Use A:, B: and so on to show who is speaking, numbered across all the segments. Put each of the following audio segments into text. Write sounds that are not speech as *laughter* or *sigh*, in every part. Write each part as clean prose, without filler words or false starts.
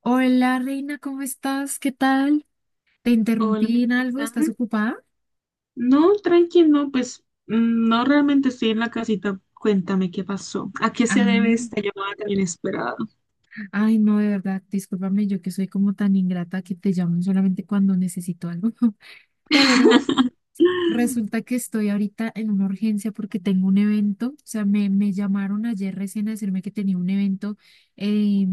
A: Hola, Reina, ¿cómo estás? ¿Qué tal? ¿Te
B: Hola,
A: interrumpí en algo?
B: amiguita.
A: ¿Estás ocupada?
B: No, tranqui, no, pues no realmente estoy en la casita. Cuéntame qué pasó. ¿A qué
A: Ah,
B: se debe esta llamada tan inesperada?
A: ay, no, de verdad, discúlpame, yo que soy como tan ingrata que te llamo solamente cuando necesito algo. *laughs*
B: *laughs*
A: Pero resulta que estoy ahorita en una urgencia porque tengo un evento, o sea, me llamaron ayer recién a decirme que tenía un evento, eh,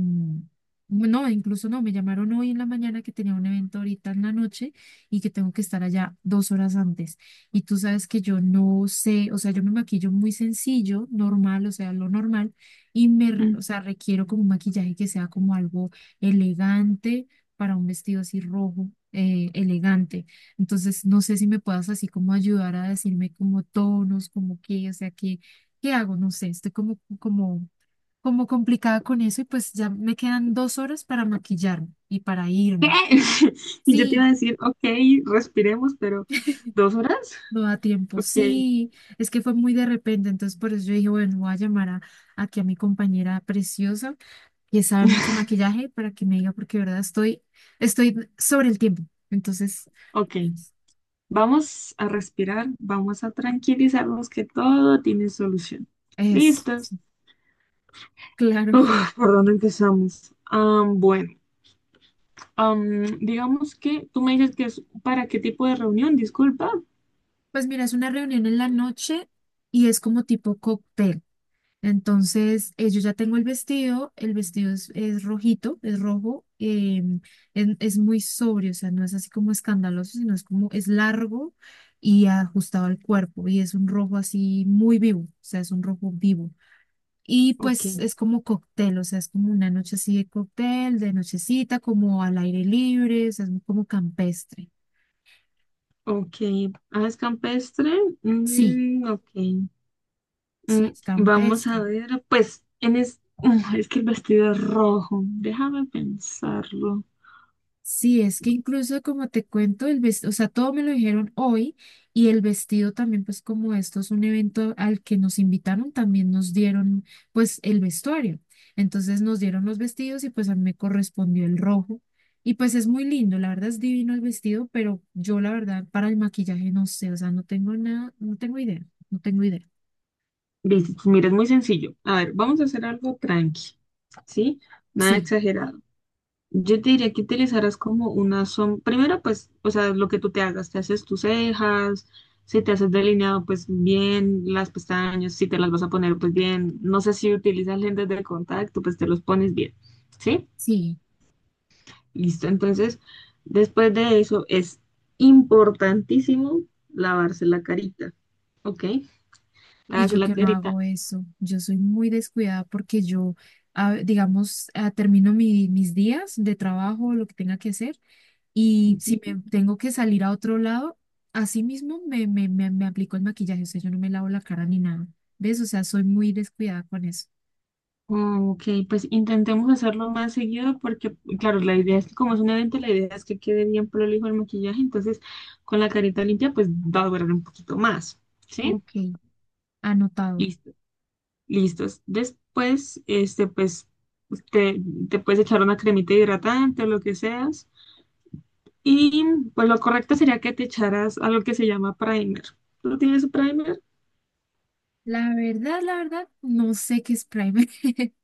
A: no, incluso no, me llamaron hoy en la mañana que tenía un evento ahorita en la noche y que tengo que estar allá dos horas antes. Y tú sabes que yo no sé, o sea, yo me maquillo muy sencillo, normal, o sea, lo normal, y me,
B: Mm,
A: o sea, requiero como un maquillaje que sea como algo elegante para un vestido así rojo, elegante. Entonces, no sé si me puedas así como ayudar a decirme como tonos, como qué, o sea, qué hago, no sé, estoy como, complicada con eso y pues ya me quedan dos horas para maquillarme y para
B: ¿Qué?
A: irme.
B: *laughs* Y yo te iba
A: Sí,
B: a decir, ok, respiremos, pero ¿dos horas?
A: no da tiempo,
B: Ok,
A: sí, es que fue muy de repente, entonces por eso yo dije, bueno, voy a llamar a, aquí a mi compañera preciosa que sabe mucho de maquillaje para que me diga porque de verdad estoy sobre el tiempo. Entonces,
B: ok. Vamos a respirar, vamos a tranquilizarnos que todo tiene solución.
A: es
B: ¿Listos?
A: claro.
B: Uf, ¿por dónde empezamos? Bueno, digamos que tú me dices que es para qué tipo de reunión, disculpa.
A: Pues mira, es una reunión en la noche y es como tipo cóctel. Entonces, yo ya tengo el vestido es rojito, es rojo, es muy sobrio, o sea, no es así como escandaloso, sino es como, es largo y ajustado al cuerpo y es un rojo así muy vivo, o sea, es un rojo vivo. Y
B: Ok,
A: pues es como cóctel, o sea, es como una noche así de cóctel, de nochecita, como al aire libre, o sea, es como campestre.
B: ok. Aves campestre.
A: Sí,
B: Ok.
A: sí,
B: Mm,
A: es
B: vamos a
A: campestre.
B: ver, pues, *laughs* es que el vestido es rojo. Déjame pensarlo.
A: Sí, es que incluso como te cuento, el vestido, o sea, todo me lo dijeron hoy y el vestido también, pues como esto es un evento al que nos invitaron, también nos dieron pues el vestuario. Entonces nos dieron los vestidos y pues a mí me correspondió el rojo. Y pues es muy lindo, la verdad es divino el vestido, pero yo la verdad para el maquillaje no sé, o sea, no tengo nada, no tengo idea, no tengo idea.
B: Listo, mira, es muy sencillo. A ver, vamos a hacer algo tranqui, ¿sí? Nada
A: Sí,
B: exagerado. Yo te diría que utilizaras como una sombra. Primero, pues, o sea, lo que tú te hagas, te haces tus cejas, si te haces delineado, pues bien, las pestañas, si te las vas a poner, pues bien. No sé si utilizas lentes de contacto, pues te los pones bien. ¿Sí?
A: sí.
B: Listo. Entonces, después de eso, es importantísimo lavarse la carita. ¿Ok?
A: Y
B: Lavarse
A: yo
B: la
A: que no
B: carita.
A: hago eso, yo soy muy descuidada porque yo, digamos, termino mis días de trabajo, lo que tenga que hacer, y si me tengo que salir a otro lado, así mismo me aplico el maquillaje, o sea, yo no me lavo la cara ni nada, ¿ves? O sea, soy muy descuidada con eso.
B: Ok, pues intentemos hacerlo más seguido porque, claro, la idea es que como es un evento, la idea es que quede bien prolijo el maquillaje, entonces con la carita limpia pues va a durar un poquito más, ¿sí?
A: Ok, anotado.
B: Listo, listos. Después, este, pues te, te puedes echar una cremita hidratante o lo que seas. Y pues lo correcto sería que te echaras algo que se llama primer. ¿Tú tienes primer?
A: La verdad, no sé qué es primer. *laughs*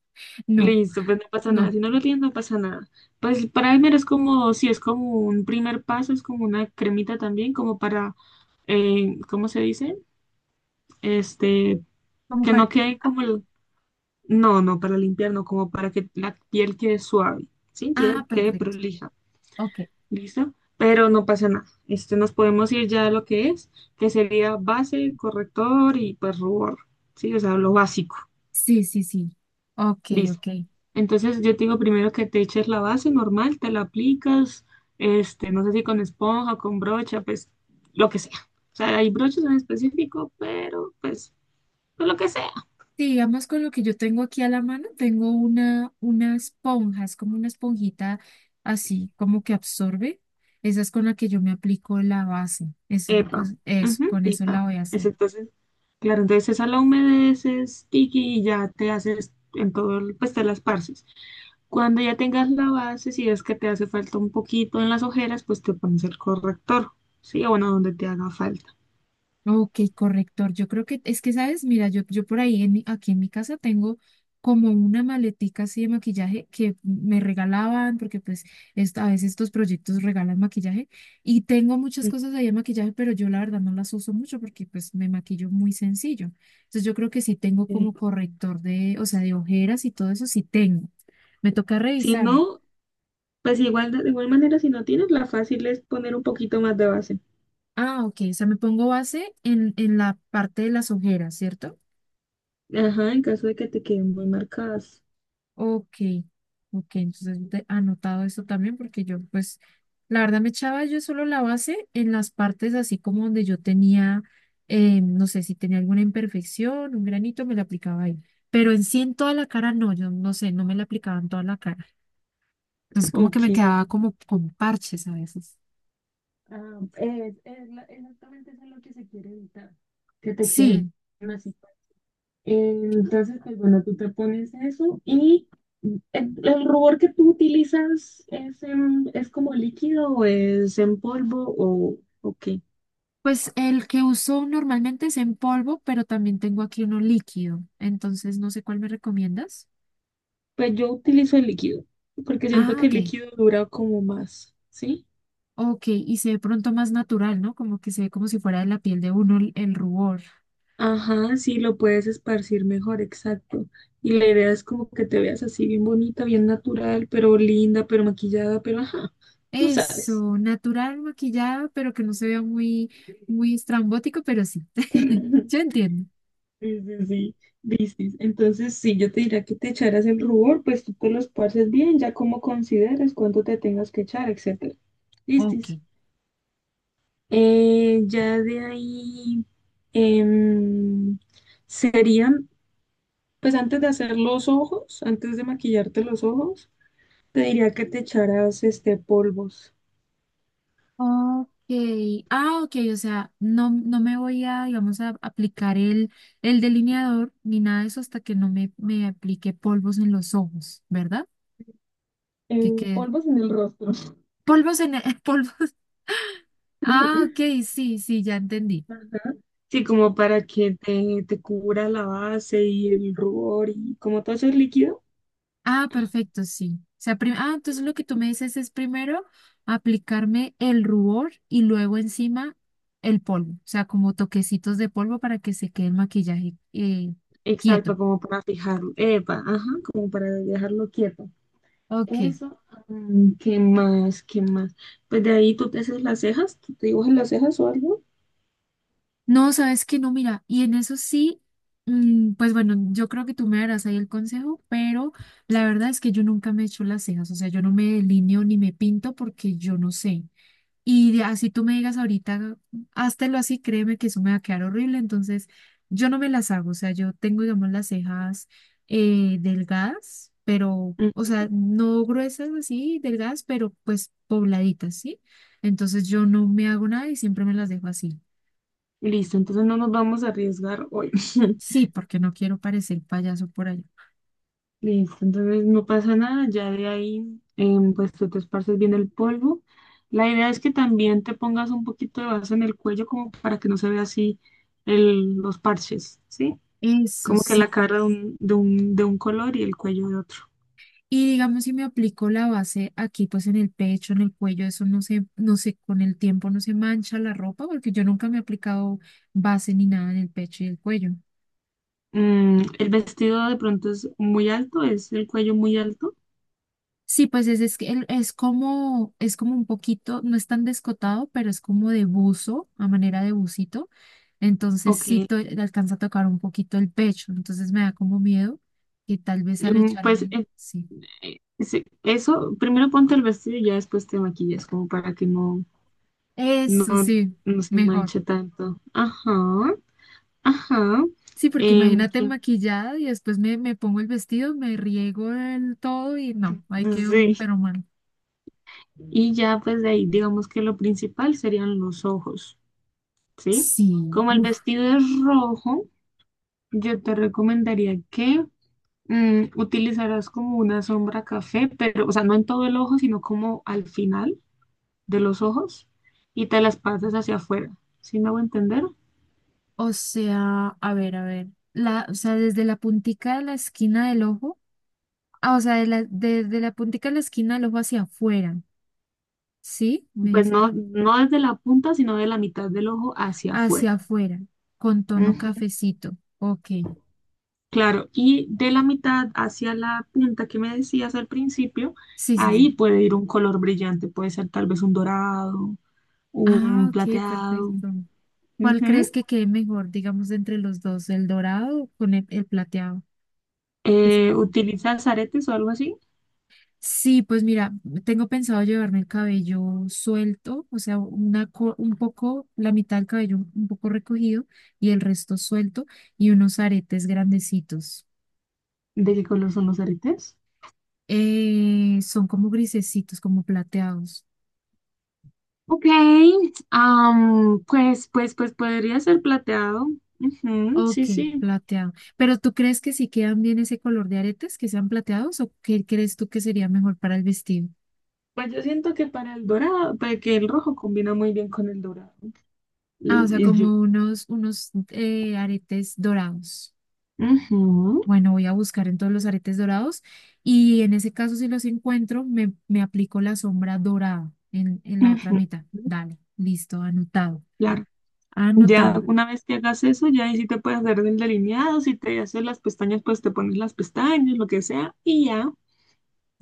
A: No,
B: Listo, pues no pasa nada.
A: no,
B: Si no lo tienes, no pasa nada. Pues primer es como, si es como un primer paso, es como una cremita también, como para, ¿cómo se dice? Este,
A: como
B: que no
A: para.
B: quede como el, no, no, para limpiar, no, como para que la piel quede suave, ¿sí? Que
A: Ah,
B: quede
A: perfecto.
B: prolija,
A: Ok,
B: ¿listo? Pero no pasa nada. Este, nos podemos ir ya a lo que es, que sería base, corrector y pues rubor, ¿sí? O sea, lo básico.
A: sí, sí, sí. Ok,
B: Listo.
A: ok.
B: Entonces yo te digo primero que te eches la base normal, te la aplicas, este, no sé si con esponja, con brocha, pues lo que sea. O sea, hay brochas en específico, pero pues, pues lo que sea.
A: Sí, digamos con lo que yo tengo aquí a la mano, tengo una, esponja, es como una esponjita así, como que absorbe. Esa es con la que yo me aplico la base. Es,
B: Epa,
A: pues eso,
B: ujú,
A: con eso la
B: epa.
A: voy a
B: Es
A: hacer.
B: entonces, claro, entonces esa la humedeces, tiki, y ya te haces en todo, el- pues te las parces. Cuando ya tengas la base, si es que te hace falta un poquito en las ojeras, pues te pones el corrector, ¿sí? O bueno, donde te haga falta.
A: Ok, corrector. Yo creo que es que, ¿sabes? Mira, yo por ahí, aquí en mi casa tengo como una maletica así de maquillaje que me regalaban, porque pues esto, a veces estos proyectos regalan maquillaje y tengo muchas cosas ahí de maquillaje, pero yo la verdad no las uso mucho porque pues me maquillo muy sencillo. Entonces yo creo que sí tengo
B: Ok.
A: como corrector de, o sea, de ojeras y todo eso, sí tengo. Me toca
B: Si
A: revisar.
B: no, pues igual, de igual manera, si no tienes, la fácil es poner un poquito más de base.
A: Ah, ok, o sea, me pongo base en la parte de las ojeras, ¿cierto?
B: Ajá, en caso de que te queden muy marcadas.
A: Ok, ok, entonces yo anotado esto también porque yo pues la verdad me echaba yo solo la base en las partes así como donde yo tenía, no sé si tenía alguna imperfección, un granito, me la aplicaba ahí, pero en sí en toda la cara no, yo no sé, no me la aplicaba en toda la cara, entonces como que me
B: Ok.
A: quedaba como con parches a veces.
B: Ah, es la- exactamente eso es lo que se quiere evitar, que te queden
A: Sí,
B: así. Entonces, pues bueno, tú te pones eso y el rubor que tú utilizas es, en- es como líquido o es en polvo o qué.
A: pues el que uso normalmente es en polvo, pero también tengo aquí uno líquido, entonces no sé cuál me recomiendas.
B: Pues yo utilizo el líquido, porque siento
A: Ah,
B: que el
A: ok.
B: líquido dura como más, ¿sí?
A: Ok, y se ve pronto más natural, ¿no? Como que se ve como si fuera de la piel de uno el rubor.
B: Ajá, sí, lo puedes esparcir mejor, exacto. Y la idea es como que te veas así bien bonita, bien natural, pero linda, pero maquillada, pero ajá, tú sabes.
A: Eso, natural maquillado, pero que no se vea muy, muy estrambótico, pero sí. *laughs* Yo
B: *laughs*
A: entiendo.
B: Sí, sí, sí, dices. Entonces, sí, yo te diría que te echaras el rubor, pues tú te lo esparces bien, ya como consideres cuánto te tengas que echar, etcétera. Listis.
A: Ok.
B: Ya de ahí em, serían, pues antes de hacer los ojos, antes de maquillarte los ojos, te diría que te echaras este polvos.
A: Ok. Ah, ok, o sea, no, no me voy a, digamos, a aplicar el delineador ni nada de eso hasta que no me aplique polvos en los ojos, ¿verdad? Que quede.
B: Polvos en el rostro.
A: Polvos en el, *laughs* polvos. Ah, ok,
B: *laughs*
A: sí, sí, ya entendí.
B: Ajá. Sí, como para que te cubra la base y el rubor y como todo eso es líquido.
A: Ah, perfecto, sí. O sea, entonces lo que tú me dices es primero aplicarme el rubor y luego encima el polvo, o sea, como toquecitos de polvo para que se quede el maquillaje quieto.
B: Exacto, como para fijarlo. Epa, ajá, como para dejarlo quieto.
A: Ok.
B: Eso, ¿qué más? ¿Qué más? Pues de ahí tú te haces las cejas, tú te dibujas las cejas o algo.
A: No, sabes que no, mira, y en eso sí, pues bueno, yo creo que tú me darás ahí el consejo, pero la verdad es que yo nunca me he hecho las cejas, o sea, yo no me delineo ni me pinto porque yo no sé. Y así tú me digas ahorita, háztelo así, créeme que eso me va a quedar horrible. Entonces, yo no me las hago. O sea, yo tengo, digamos, las cejas delgadas, pero,
B: Mm.
A: o sea, no gruesas así, delgadas, pero pues pobladitas, ¿sí? Entonces, yo no me hago nada y siempre me las dejo así.
B: Listo, entonces no nos vamos a arriesgar hoy. *laughs*
A: Sí, porque no quiero parecer payaso por allá.
B: Listo, entonces no pasa nada, ya de ahí pues tú te esparces bien el polvo. La idea es que también te pongas un poquito de base en el cuello como para que no se vea así el, los parches, ¿sí?
A: Eso
B: Como que
A: sí.
B: la cara de un color y el cuello de otro.
A: Y digamos, si me aplico la base aquí, pues en el pecho, en el cuello, eso no sé, con el tiempo no se mancha la ropa, porque yo nunca me he aplicado base ni nada en el pecho y el cuello.
B: Mm, el vestido de pronto es muy alto, es el cuello muy alto.
A: Sí, pues es, que es como un poquito, no es tan descotado, pero es como de buzo, a manera de bucito. Entonces
B: Ok,
A: sí alcanza a tocar un poquito el pecho. Entonces me da como miedo que tal vez al
B: pues
A: echarme, sí.
B: sí, eso, primero ponte el vestido y ya después te maquillas como para que no,
A: Eso
B: no,
A: sí,
B: no se
A: mejor.
B: manche tanto. Ajá. Ajá,
A: Sí, porque imagínate
B: que-
A: maquillada y después me pongo el vestido, me riego el todo y no, ahí quedo,
B: sí,
A: pero mal.
B: y ya pues de ahí digamos que lo principal serían los ojos, ¿sí?
A: Sí,
B: Como el
A: uff.
B: vestido es rojo, yo te recomendaría que utilizaras como una sombra café, pero, o sea, no en todo el ojo, sino como al final de los ojos y te las pasas hacia afuera, ¿sí me hago entender?
A: O sea, a ver, a ver. La, o sea, desde la puntica de la esquina del ojo. Ah, o sea, desde la puntica de la esquina del ojo hacia afuera. ¿Sí? Me
B: Pues
A: dices
B: no,
A: así.
B: no desde la punta, sino de la mitad del ojo hacia
A: Hacia
B: afuera.
A: afuera, con tono cafecito. Ok.
B: Claro, y de la mitad hacia la punta que me decías al principio,
A: Sí, sí, sí.
B: ahí puede ir un color brillante, puede ser tal vez un dorado,
A: Ah,
B: un
A: ok,
B: plateado.
A: perfecto. ¿Cuál
B: Ujú.
A: crees que quede mejor, digamos, entre los dos, el dorado con el plateado?
B: ¿Utilizas aretes o algo así?
A: Sí, pues mira, tengo pensado llevarme el cabello suelto, o sea, una, un poco, la mitad del cabello un poco recogido y el resto suelto y unos aretes grandecitos.
B: ¿De qué color son los aretes?
A: Son como grisecitos, como plateados.
B: Ok, pues, pues, pues podría ser plateado. Ujú,
A: Ok,
B: sí, sí.
A: plateado. Pero ¿tú crees que si quedan bien ese color de aretes, que sean plateados o qué crees tú que sería mejor para el vestido?
B: Pues yo siento que para el dorado, para que el rojo combina muy bien con el dorado.
A: Ah, o sea,
B: Y yo.
A: como unos, aretes dorados.
B: Ujú,
A: Bueno, voy a buscar en todos los aretes dorados y en ese caso si los encuentro, me aplico la sombra dorada en, la otra
B: ujú,
A: mitad. Dale, listo, anotado,
B: claro. Ya
A: anotado.
B: una vez que hagas eso, ya ahí sí te puedes hacer el delineado, si te haces las pestañas, pues te pones las pestañas, lo que sea, y ya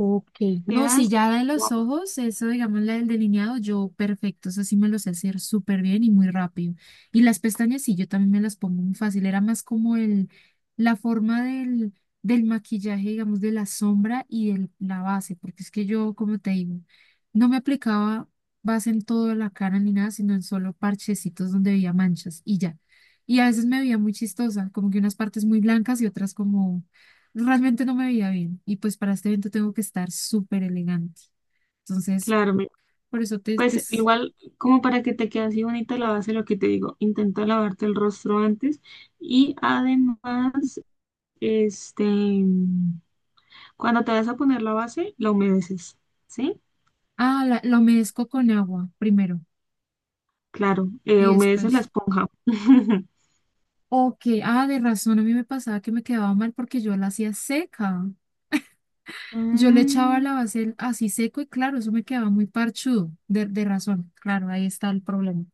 A: Ok, no, si
B: quedas
A: ya da en los
B: guapa.
A: ojos, eso digamos la del delineado, yo perfecto, eso sí me lo sé hacer súper bien y muy rápido. Y las pestañas sí, yo también me las pongo muy fácil, era más como la forma del maquillaje, digamos, de la sombra y de la base, porque es que yo, como te digo, no me aplicaba base en toda la cara ni nada, sino en solo parchecitos donde veía manchas y ya. Y a veces me veía muy chistosa, como que unas partes muy blancas y otras como realmente no me veía bien. Y pues para este evento tengo que estar súper elegante. Entonces,
B: Claro, mira,
A: por eso te... te...
B: pues
A: s-
B: igual como para que te quede así bonita la base, lo que te digo, intenta lavarte el rostro antes y además, este, cuando te vas a poner la base, la humedeces, ¿sí?
A: Ah, la humedezco con agua primero
B: Claro,
A: y
B: humedeces la
A: después.
B: esponja. *laughs*
A: Ok, ah, de razón, a mí me pasaba que me quedaba mal porque yo la hacía seca. Yo le echaba
B: Mm.
A: la base así seco y claro, eso me quedaba muy parchudo, de razón. Claro, ahí está el problema.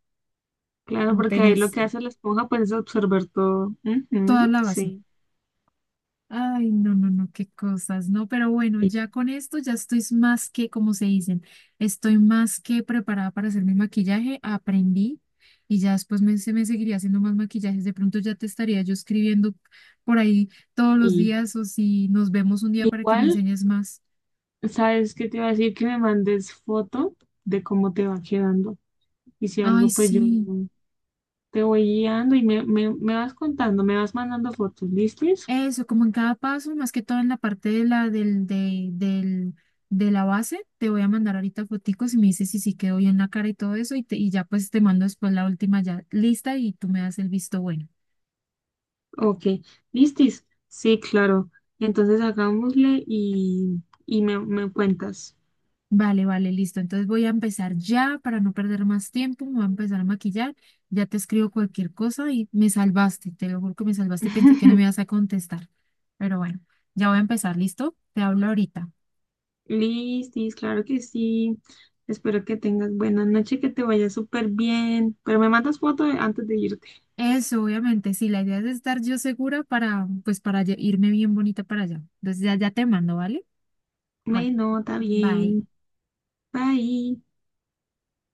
B: Claro,
A: No
B: porque ahí lo
A: tenés
B: que hace la esponja pues es absorber todo.
A: toda
B: Ujú,
A: la base.
B: sí.
A: Ay, no, no, no, qué cosas, ¿no? Pero bueno,
B: Sí,
A: ya con esto ya estoy más que, como se dicen, estoy más que preparada para hacer mi maquillaje, aprendí y ya después se me seguiría haciendo más maquillajes. De pronto ya te estaría yo escribiendo por ahí todos los
B: sí.
A: días o si nos vemos un día para que me
B: Igual,
A: enseñes más.
B: ¿sabes qué te iba a decir? Que me mandes foto de cómo te va quedando. Y si
A: Ay,
B: algo, pues yo
A: sí.
B: te voy guiando y me vas contando, me vas mandando fotos. ¿Listis?
A: Eso, como en cada paso, más que todo en la parte de la, del, de la base, te voy a mandar ahorita foticos y me dices si sí quedó bien la cara y todo eso, y ya pues te mando después la última ya lista y tú me das el visto bueno.
B: Ok. ¿Listis? Sí, claro. Entonces hagámosle y me cuentas.
A: Vale, vale, listo. Entonces voy a empezar ya para no perder más tiempo, me voy a empezar a maquillar, ya te escribo cualquier cosa y me salvaste, te lo juro que me salvaste, pensé que no me
B: *laughs*
A: ibas a contestar, pero bueno, ya voy a empezar, ¿listo? Te hablo ahorita.
B: Listis, claro que sí. Espero que tengas buena noche, que te vaya súper bien. Pero me mandas foto de- antes de irte.
A: Eso, obviamente, sí, la idea es estar yo segura para, pues, para irme bien bonita para allá. Entonces ya te mando, ¿vale? Bueno,
B: Bueno, está
A: bye.
B: bien. Bye.